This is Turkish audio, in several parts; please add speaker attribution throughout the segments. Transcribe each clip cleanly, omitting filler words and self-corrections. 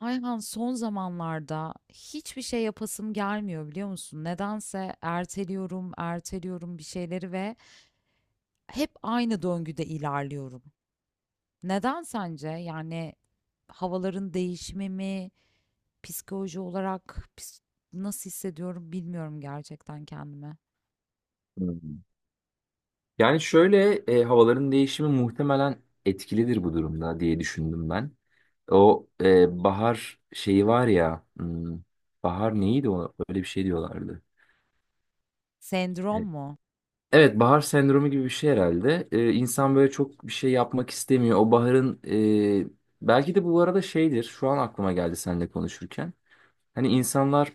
Speaker 1: Ayhan, son zamanlarda hiçbir şey yapasım gelmiyor, biliyor musun? Nedense erteliyorum, erteliyorum bir şeyleri ve hep aynı döngüde ilerliyorum. Neden sence? Yani havaların değişimi mi, psikoloji olarak nasıl hissediyorum bilmiyorum gerçekten kendimi.
Speaker 2: Hmm. Yani şöyle havaların değişimi muhtemelen etkilidir bu durumda diye düşündüm ben. O bahar şeyi var ya, bahar neydi o? Öyle bir şey diyorlardı. E,
Speaker 1: Sendrom mu?
Speaker 2: Evet, bahar sendromu gibi bir şey herhalde. İnsan böyle çok bir şey yapmak istemiyor. O baharın e, belki de bu arada şeydir. Şu an aklıma geldi seninle konuşurken. Hani insanlar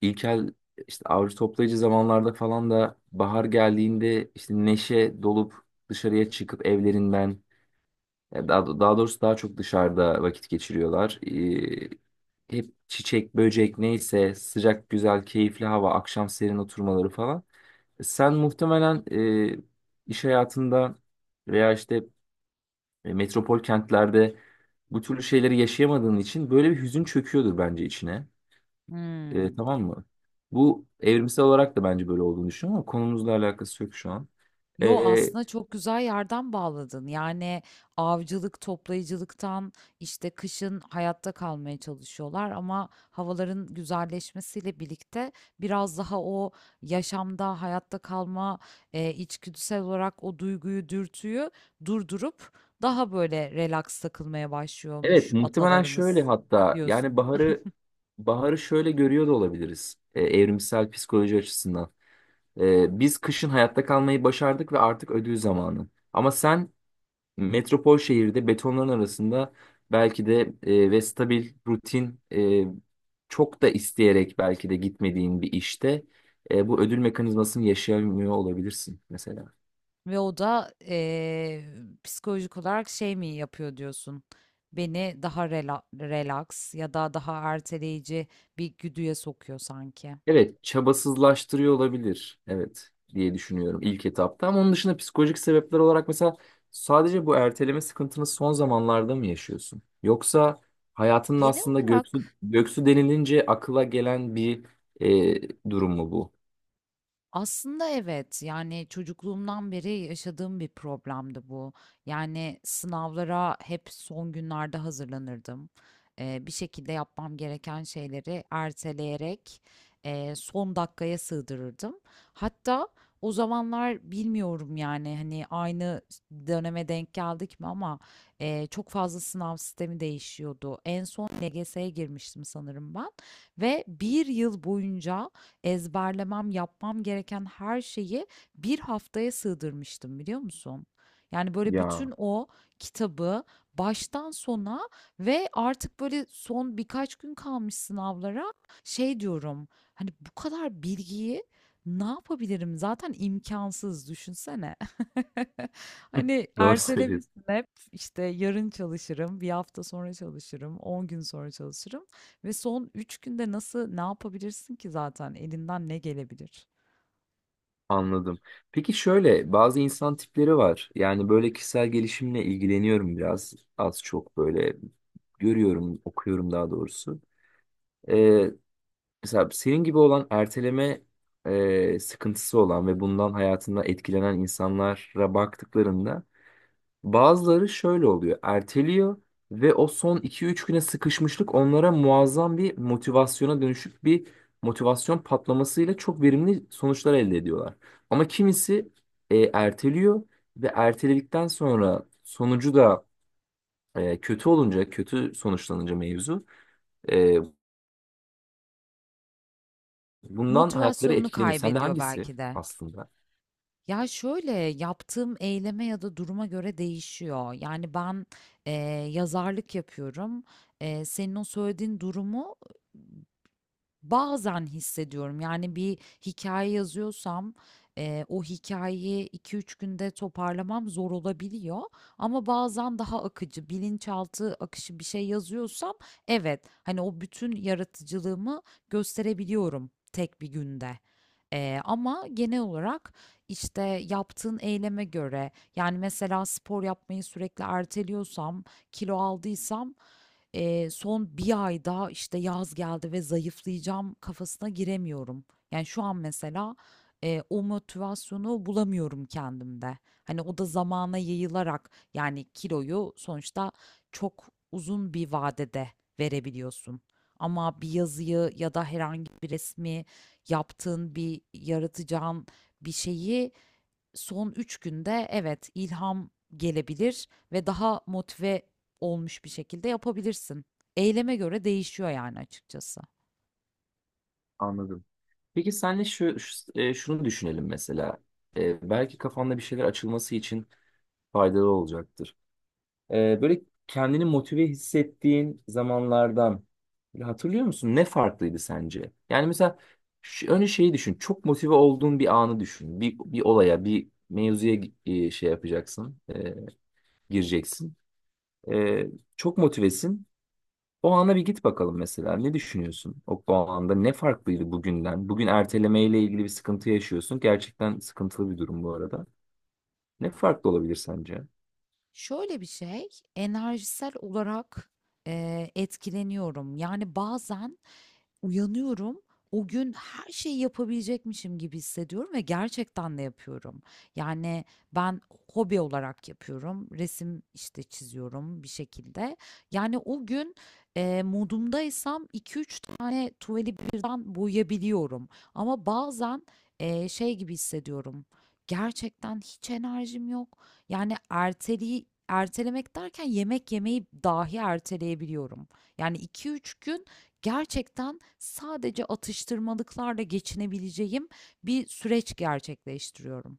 Speaker 2: İlkel işte avcı toplayıcı zamanlarda falan da bahar geldiğinde işte neşe dolup dışarıya çıkıp evlerinden ya daha doğrusu daha çok dışarıda vakit geçiriyorlar. Hep çiçek, böcek neyse sıcak, güzel, keyifli hava, akşam serin oturmaları falan. Sen muhtemelen e, iş hayatında veya işte metropol kentlerde bu türlü şeyleri yaşayamadığın için böyle bir hüzün çöküyordur bence içine.
Speaker 1: Hmm.
Speaker 2: Tamam mı? Bu evrimsel olarak da bence böyle olduğunu düşünüyorum ama konumuzla alakası yok şu an.
Speaker 1: Yo,
Speaker 2: E,
Speaker 1: aslında çok güzel yerden bağladın. Yani avcılık, toplayıcılıktan işte kışın hayatta kalmaya çalışıyorlar ama havaların güzelleşmesiyle birlikte biraz daha o yaşamda hayatta kalma içgüdüsel olarak o duyguyu, dürtüyü durdurup daha böyle relax takılmaya
Speaker 2: evet,
Speaker 1: başlıyormuş
Speaker 2: muhtemelen şöyle,
Speaker 1: atalarımız
Speaker 2: hatta yani
Speaker 1: diyorsun.
Speaker 2: baharı şöyle görüyor da olabiliriz evrimsel psikoloji açısından. Biz kışın hayatta kalmayı başardık ve artık ödül zamanı. Ama sen metropol şehirde betonların arasında belki de ve stabil, rutin, çok da isteyerek belki de gitmediğin bir işte bu ödül mekanizmasını yaşayamıyor olabilirsin mesela.
Speaker 1: Ve o da psikolojik olarak şey mi yapıyor diyorsun? Beni daha relax ya da daha erteleyici bir güdüye sokuyor sanki.
Speaker 2: Evet, çabasızlaştırıyor olabilir. Evet diye düşünüyorum ilk etapta. Ama onun dışında psikolojik sebepler olarak mesela sadece bu erteleme sıkıntını son zamanlarda mı yaşıyorsun? Yoksa hayatının
Speaker 1: Genel
Speaker 2: aslında
Speaker 1: olarak.
Speaker 2: göksü denilince akıla gelen bir durum mu bu?
Speaker 1: Aslında evet, yani çocukluğumdan beri yaşadığım bir problemdi bu. Yani sınavlara hep son günlerde hazırlanırdım. Bir şekilde yapmam gereken şeyleri erteleyerek son dakikaya sığdırırdım. Hatta o zamanlar bilmiyorum yani hani aynı döneme denk geldik mi ama çok fazla sınav sistemi değişiyordu. En son LGS'ye girmiştim sanırım ben ve bir yıl boyunca ezberlemem, yapmam gereken her şeyi bir haftaya sığdırmıştım, biliyor musun? Yani böyle, bütün
Speaker 2: Ya
Speaker 1: o kitabı baştan sona ve artık böyle son birkaç gün kalmış sınavlara şey diyorum, hani bu kadar bilgiyi ne yapabilirim? Zaten imkansız, düşünsene.
Speaker 2: hı,
Speaker 1: Hani
Speaker 2: doğru
Speaker 1: ertelemişsin
Speaker 2: söylüyorsun.
Speaker 1: hep, işte yarın çalışırım, bir hafta sonra çalışırım, 10 gün sonra çalışırım. Ve son 3 günde nasıl ne yapabilirsin ki, zaten elinden ne gelebilir?
Speaker 2: Anladım. Peki şöyle bazı insan tipleri var. Yani böyle kişisel gelişimle ilgileniyorum biraz. Az çok böyle görüyorum, okuyorum daha doğrusu. Ee, Mesela senin gibi olan erteleme sıkıntısı olan ve bundan hayatında etkilenen insanlara baktıklarında bazıları şöyle oluyor. Erteliyor ve o son iki üç güne sıkışmışlık onlara muazzam bir motivasyona dönüşüp bir motivasyon patlamasıyla çok verimli sonuçlar elde ediyorlar. Ama kimisi erteliyor ve erteledikten sonra sonucu da kötü olunca, kötü sonuçlanınca mevzu e, bundan hayatları
Speaker 1: Motivasyonunu
Speaker 2: etkileniyor. Sen de
Speaker 1: kaybediyor
Speaker 2: hangisi
Speaker 1: belki de.
Speaker 2: aslında?
Speaker 1: Ya, şöyle, yaptığım eyleme ya da duruma göre değişiyor. Yani ben e, yazarlık yapıyorum. Senin o söylediğin durumu bazen hissediyorum. Yani bir hikaye yazıyorsam o hikayeyi 2 3 günde toparlamam zor olabiliyor ama bazen daha akıcı, bilinçaltı akışı bir şey yazıyorsam evet, hani, o bütün yaratıcılığımı gösterebiliyorum tek bir günde. Ama genel olarak, işte, yaptığın eyleme göre yani, mesela spor yapmayı sürekli erteliyorsam, kilo aldıysam son 1 ayda, işte, yaz geldi ve zayıflayacağım kafasına giremiyorum. Yani şu an mesela o motivasyonu bulamıyorum kendimde. Hani o da zamana yayılarak, yani kiloyu sonuçta çok uzun bir vadede verebiliyorsun. Ama bir yazıyı ya da herhangi bir resmi yaptığın, bir yaratacağın bir şeyi son 3 günde, evet, ilham gelebilir ve daha motive olmuş bir şekilde yapabilirsin. Eyleme göre değişiyor yani, açıkçası.
Speaker 2: Anladım. Peki senle şunu düşünelim mesela. Belki kafanda bir şeyler açılması için faydalı olacaktır. Böyle kendini motive hissettiğin zamanlardan böyle hatırlıyor musun? Ne farklıydı sence? Yani mesela şu, önce şeyi düşün. Çok motive olduğun bir anı düşün. Bir olaya, bir mevzuya şey yapacaksın, gireceksin. E, Çok motivesin. O ana bir git bakalım mesela. Ne düşünüyorsun? O anda ne farklıydı bugünden? Bugün ertelemeyle ilgili bir sıkıntı yaşıyorsun. Gerçekten sıkıntılı bir durum bu arada. Ne farklı olabilir sence?
Speaker 1: Şöyle bir şey, enerjisel olarak etkileniyorum. Yani bazen uyanıyorum. O gün her şeyi yapabilecekmişim gibi hissediyorum ve gerçekten de yapıyorum. Yani ben hobi olarak yapıyorum. Resim işte çiziyorum bir şekilde. Yani o gün modumdaysam 2 3 tane tuvali birden boyayabiliyorum. Ama bazen şey gibi hissediyorum. Gerçekten hiç enerjim yok. Yani erteliği ertelemek derken yemek yemeyi dahi erteleyebiliyorum. Yani 2 3 gün gerçekten sadece atıştırmalıklarla geçinebileceğim bir süreç gerçekleştiriyorum.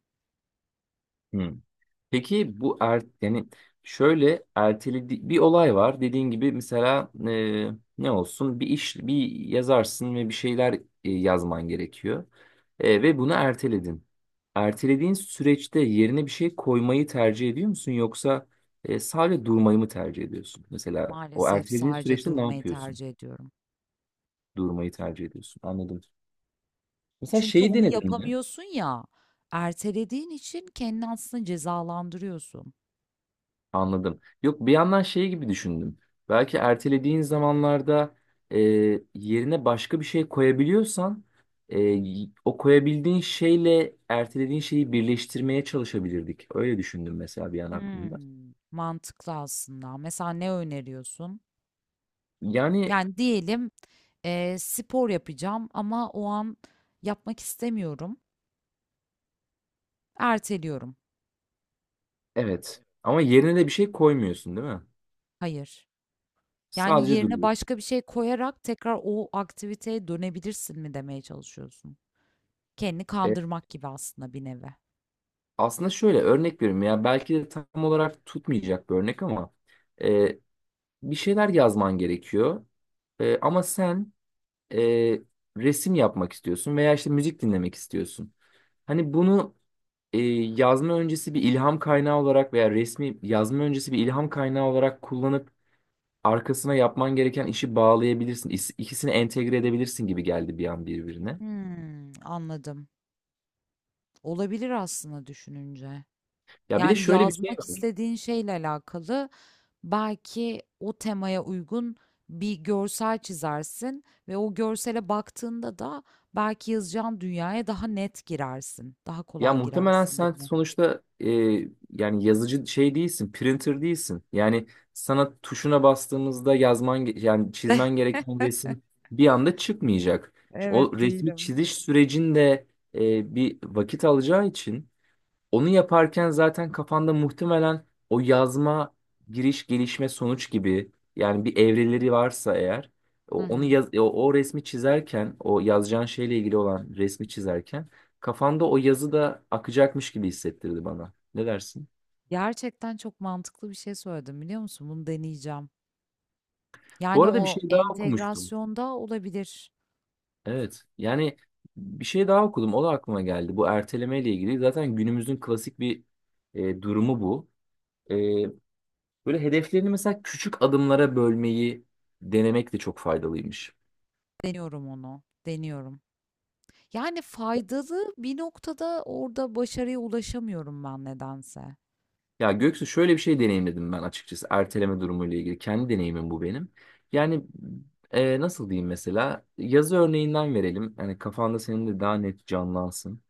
Speaker 2: Peki bu yani şöyle erteledi bir olay var. Dediğin gibi mesela ne olsun bir iş, bir yazarsın ve bir şeyler yazman gerekiyor. Ve bunu erteledin. Ertelediğin süreçte yerine bir şey koymayı tercih ediyor musun, yoksa sadece durmayı mı tercih ediyorsun? Mesela o
Speaker 1: Maalesef
Speaker 2: ertelediğin
Speaker 1: sadece
Speaker 2: süreçte ne
Speaker 1: durmayı
Speaker 2: yapıyorsun?
Speaker 1: tercih ediyorum.
Speaker 2: Durmayı tercih ediyorsun. Anladım. Mesela
Speaker 1: Çünkü
Speaker 2: şeyi
Speaker 1: onu
Speaker 2: denedin mi?
Speaker 1: yapamıyorsun ya, ertelediğin için kendini aslında cezalandırıyorsun.
Speaker 2: Anladım. Yok, bir yandan şey gibi düşündüm. Belki ertelediğin zamanlarda e, yerine başka bir şey koyabiliyorsan o koyabildiğin şeyle ertelediğin şeyi birleştirmeye çalışabilirdik. Öyle düşündüm mesela bir an aklımda.
Speaker 1: Mantıklı aslında. Mesela ne öneriyorsun?
Speaker 2: Yani
Speaker 1: Yani diyelim spor yapacağım ama o an yapmak istemiyorum. Erteliyorum.
Speaker 2: evet, ama yerine de bir şey koymuyorsun değil mi?
Speaker 1: Hayır. Yani
Speaker 2: Sadece
Speaker 1: yerine
Speaker 2: duruyorsun.
Speaker 1: başka bir şey koyarak tekrar o aktiviteye dönebilirsin mi demeye çalışıyorsun? Kendini
Speaker 2: E,
Speaker 1: kandırmak gibi aslında, bir nevi.
Speaker 2: Aslında şöyle örnek veriyorum ya, belki de tam olarak tutmayacak bir örnek ama e, bir şeyler yazman gerekiyor. Ama sen e, resim yapmak istiyorsun veya işte müzik dinlemek istiyorsun. Hani bunu e, yazma öncesi bir ilham kaynağı olarak veya resmi yazma öncesi bir ilham kaynağı olarak kullanıp arkasına yapman gereken işi bağlayabilirsin. İkisini entegre edebilirsin gibi geldi bir an birbirine.
Speaker 1: Anladım. Olabilir aslında, düşününce.
Speaker 2: Ya bir de
Speaker 1: Yani
Speaker 2: şöyle bir şey
Speaker 1: yazmak
Speaker 2: var.
Speaker 1: istediğin şeyle alakalı belki o temaya uygun bir görsel çizersin ve o görsele baktığında da belki yazacağın dünyaya daha net girersin, daha
Speaker 2: Ya
Speaker 1: kolay
Speaker 2: muhtemelen
Speaker 1: girersin
Speaker 2: sen
Speaker 1: gibi.
Speaker 2: sonuçta yani yazıcı şey değilsin, printer değilsin. Yani sana tuşuna bastığımızda yani çizmen gereken resim bir anda çıkmayacak. O
Speaker 1: Evet,
Speaker 2: resmi
Speaker 1: değilim.
Speaker 2: çiziş sürecinde bir vakit alacağı için onu yaparken zaten kafanda muhtemelen o yazma, giriş, gelişme, sonuç gibi, yani bir evreleri varsa eğer
Speaker 1: Hı
Speaker 2: onu
Speaker 1: hı.
Speaker 2: yaz, o resmi çizerken, o yazacağın şeyle ilgili olan resmi çizerken kafanda o yazı da akacakmış gibi hissettirdi bana. Ne dersin?
Speaker 1: Gerçekten çok mantıklı bir şey söyledim, biliyor musun? Bunu deneyeceğim.
Speaker 2: Bu
Speaker 1: Yani
Speaker 2: arada bir
Speaker 1: o
Speaker 2: şey daha okumuştum.
Speaker 1: entegrasyonda olabilir.
Speaker 2: Evet. Yani bir şey daha okudum. O da aklıma geldi. Bu erteleme ile ilgili. Zaten günümüzün klasik bir durumu bu. E, Böyle hedeflerini mesela küçük adımlara bölmeyi denemek de çok faydalıymış.
Speaker 1: Deniyorum onu. Deniyorum. Yani faydalı bir noktada orada başarıya ulaşamıyorum ben nedense.
Speaker 2: Ya Göksu, şöyle bir şey deneyimledim ben açıkçası erteleme durumuyla ilgili. Kendi deneyimim bu benim. Yani nasıl diyeyim, mesela yazı örneğinden verelim. Yani kafanda senin de daha net canlansın.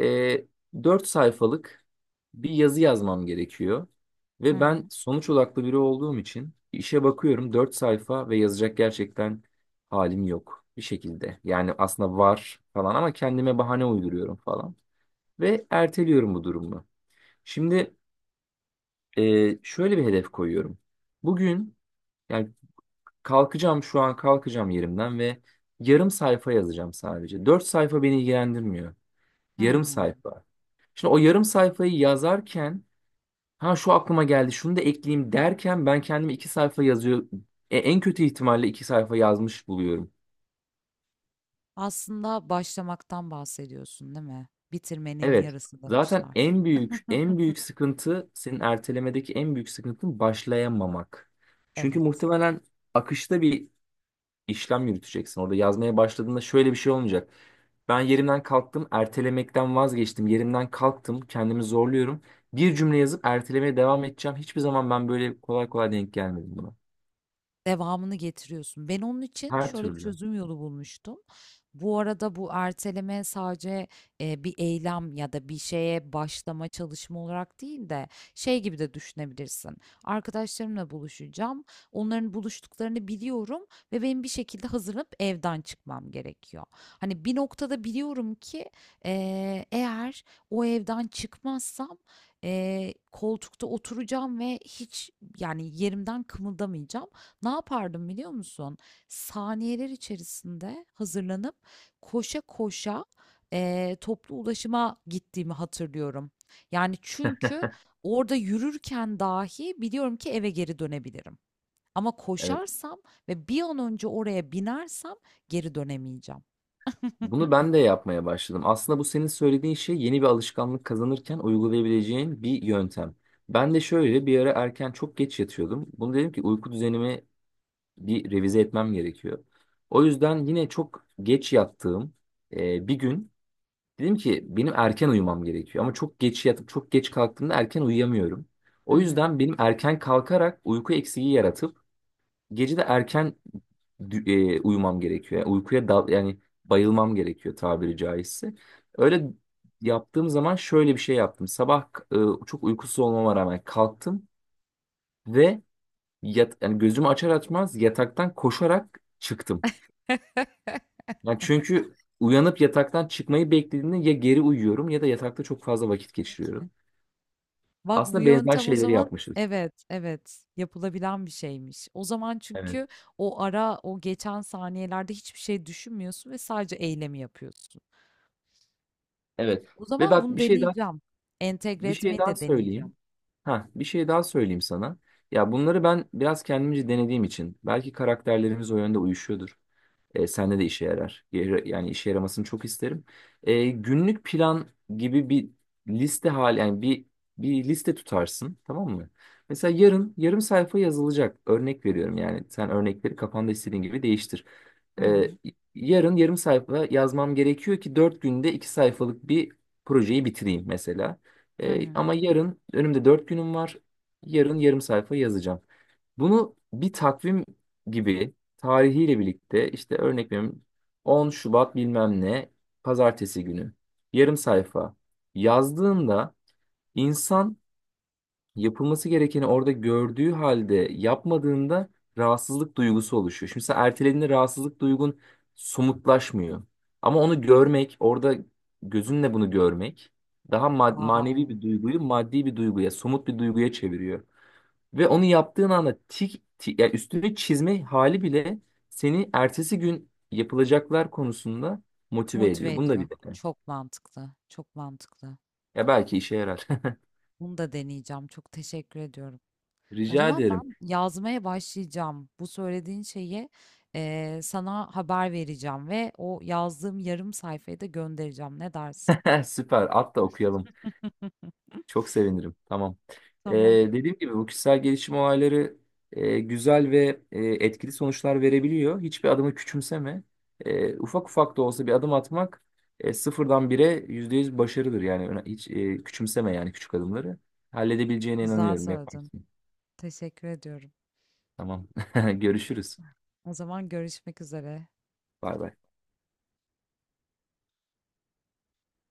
Speaker 2: E, 4 sayfalık bir yazı yazmam gerekiyor.
Speaker 1: Hı
Speaker 2: Ve ben
Speaker 1: hı.
Speaker 2: sonuç odaklı biri olduğum için işe bakıyorum, 4 sayfa ve yazacak gerçekten halim yok bir şekilde. Yani aslında var falan, ama kendime bahane uyduruyorum falan. Ve erteliyorum bu durumu. Şimdi şöyle bir hedef koyuyorum. Bugün, yani kalkacağım şu an, kalkacağım yerimden ve yarım sayfa yazacağım sadece. 4 sayfa beni ilgilendirmiyor. Yarım
Speaker 1: Hmm.
Speaker 2: sayfa. Şimdi o yarım sayfayı yazarken, ha şu aklıma geldi şunu da ekleyeyim derken ben kendimi 2 sayfa yazıyor, en kötü ihtimalle 2 sayfa yazmış buluyorum.
Speaker 1: Aslında başlamaktan bahsediyorsun, değil mi? Bitirmenin
Speaker 2: Evet.
Speaker 1: yarısı
Speaker 2: Zaten
Speaker 1: demişler.
Speaker 2: en büyük sıkıntı, senin ertelemedeki en büyük sıkıntın başlayamamak. Çünkü
Speaker 1: Evet.
Speaker 2: muhtemelen akışta bir işlem yürüteceksin. Orada yazmaya başladığında şöyle bir şey olmayacak. Ben yerimden kalktım, ertelemekten vazgeçtim. Yerimden kalktım, kendimi zorluyorum. Bir cümle yazıp ertelemeye devam edeceğim. Hiçbir zaman ben böyle kolay kolay denk gelmedim buna.
Speaker 1: Devamını getiriyorsun. Ben onun için
Speaker 2: Her
Speaker 1: şöyle bir
Speaker 2: türlü.
Speaker 1: çözüm yolu bulmuştum. Bu arada bu erteleme sadece bir eylem ya da bir şeye başlama çalışma olarak değil de şey gibi de düşünebilirsin. Arkadaşlarımla buluşacağım. Onların buluştuklarını biliyorum ve benim bir şekilde hazırlanıp evden çıkmam gerekiyor. Hani bir noktada biliyorum ki eğer o evden çıkmazsam koltukta oturacağım ve hiç, yani, yerimden kımıldamayacağım. Ne yapardım, biliyor musun? Saniyeler içerisinde hazırlanıp koşa koşa toplu ulaşıma gittiğimi hatırlıyorum. Yani çünkü orada yürürken dahi biliyorum ki eve geri dönebilirim. Ama
Speaker 2: Evet.
Speaker 1: koşarsam ve bir an önce oraya binersem geri dönemeyeceğim.
Speaker 2: Bunu ben de yapmaya başladım. Aslında bu senin söylediğin şey yeni bir alışkanlık kazanırken uygulayabileceğin bir yöntem. Ben de şöyle bir ara erken çok geç yatıyordum. Bunu dedim ki uyku düzenimi bir revize etmem gerekiyor. O yüzden yine çok geç yattığım bir gün dedim ki benim erken uyumam gerekiyor, ama çok geç yatıp çok geç kalktığımda erken uyuyamıyorum.
Speaker 1: Hı
Speaker 2: O
Speaker 1: hı.
Speaker 2: yüzden benim erken kalkarak uyku eksiği yaratıp gece de erken uyumam gerekiyor. Yani uykuya dal, yani bayılmam gerekiyor tabiri caizse. Öyle yaptığım zaman şöyle bir şey yaptım. Sabah çok uykusuz olmama rağmen kalktım ve yani gözümü açar açmaz yataktan koşarak çıktım. Yani çünkü uyanıp yataktan çıkmayı beklediğimde ya geri uyuyorum ya da yatakta çok fazla vakit geçiriyorum.
Speaker 1: Bak, bu
Speaker 2: Aslında benzer
Speaker 1: yöntem o
Speaker 2: şeyleri
Speaker 1: zaman,
Speaker 2: yapmışız.
Speaker 1: evet evet, yapılabilen bir şeymiş. O zaman,
Speaker 2: Evet.
Speaker 1: çünkü o ara, o geçen saniyelerde hiçbir şey düşünmüyorsun ve sadece eylemi yapıyorsun.
Speaker 2: Evet.
Speaker 1: O
Speaker 2: Ve
Speaker 1: zaman
Speaker 2: bak,
Speaker 1: bunu deneyeceğim. Entegre
Speaker 2: bir şey
Speaker 1: etmeyi
Speaker 2: daha
Speaker 1: de
Speaker 2: söyleyeyim.
Speaker 1: deneyeceğim.
Speaker 2: Ha, bir şey daha söyleyeyim sana. Ya bunları ben biraz kendimce denediğim için belki karakterlerimiz o yönde uyuşuyordur. Sende de işe yarar. Yani işe yaramasını çok isterim. Günlük plan gibi bir liste hali, yani bir liste tutarsın, tamam mı? Mesela yarın yarım sayfa yazılacak. Örnek veriyorum, yani sen örnekleri kafanda istediğin gibi değiştir.
Speaker 1: Hı
Speaker 2: E,
Speaker 1: hı.
Speaker 2: Yarın yarım sayfa yazmam gerekiyor ki 4 günde 2 sayfalık bir projeyi bitireyim mesela.
Speaker 1: Hı hı.
Speaker 2: Ama yarın önümde 4 günüm var. Yarın yarım sayfa yazacağım. Bunu bir takvim gibi tarihiyle birlikte, işte örnek veriyorum, 10 Şubat bilmem ne pazartesi günü yarım sayfa yazdığında, insan yapılması gerekeni orada gördüğü halde yapmadığında rahatsızlık duygusu oluşuyor. Şimdi sen ertelediğinde rahatsızlık duygun somutlaşmıyor. Ama onu görmek, orada gözünle bunu görmek daha manevi
Speaker 1: Wow.
Speaker 2: bir duyguyu maddi bir duyguya, somut bir duyguya çeviriyor. Ve onu yaptığın anda tik, tik, yani üstüne çizme hali bile seni ertesi gün yapılacaklar konusunda motive
Speaker 1: Motive
Speaker 2: ediyor. Bunu da
Speaker 1: ediyor.
Speaker 2: bir dene.
Speaker 1: Çok mantıklı. Çok mantıklı.
Speaker 2: Ya belki işe yarar.
Speaker 1: Bunu da deneyeceğim. Çok teşekkür ediyorum. O
Speaker 2: Rica
Speaker 1: zaman
Speaker 2: ederim.
Speaker 1: ben yazmaya başlayacağım. Bu söylediğin şeyi sana haber vereceğim ve o yazdığım yarım sayfayı da göndereceğim. Ne dersin?
Speaker 2: Süper. At da okuyalım. Çok sevinirim. Tamam. Ee,
Speaker 1: Tamam.
Speaker 2: Dediğim gibi bu kişisel gelişim olayları güzel ve etkili sonuçlar verebiliyor. Hiçbir adımı küçümseme. Ufak ufak da olsa bir adım atmak sıfırdan bire %100 başarıdır. Yani küçümseme yani küçük adımları. Halledebileceğine
Speaker 1: Güzel
Speaker 2: inanıyorum.
Speaker 1: söyledin.
Speaker 2: Yaparsın.
Speaker 1: Teşekkür ediyorum.
Speaker 2: Tamam. Görüşürüz.
Speaker 1: O zaman görüşmek üzere.
Speaker 2: Bay bay.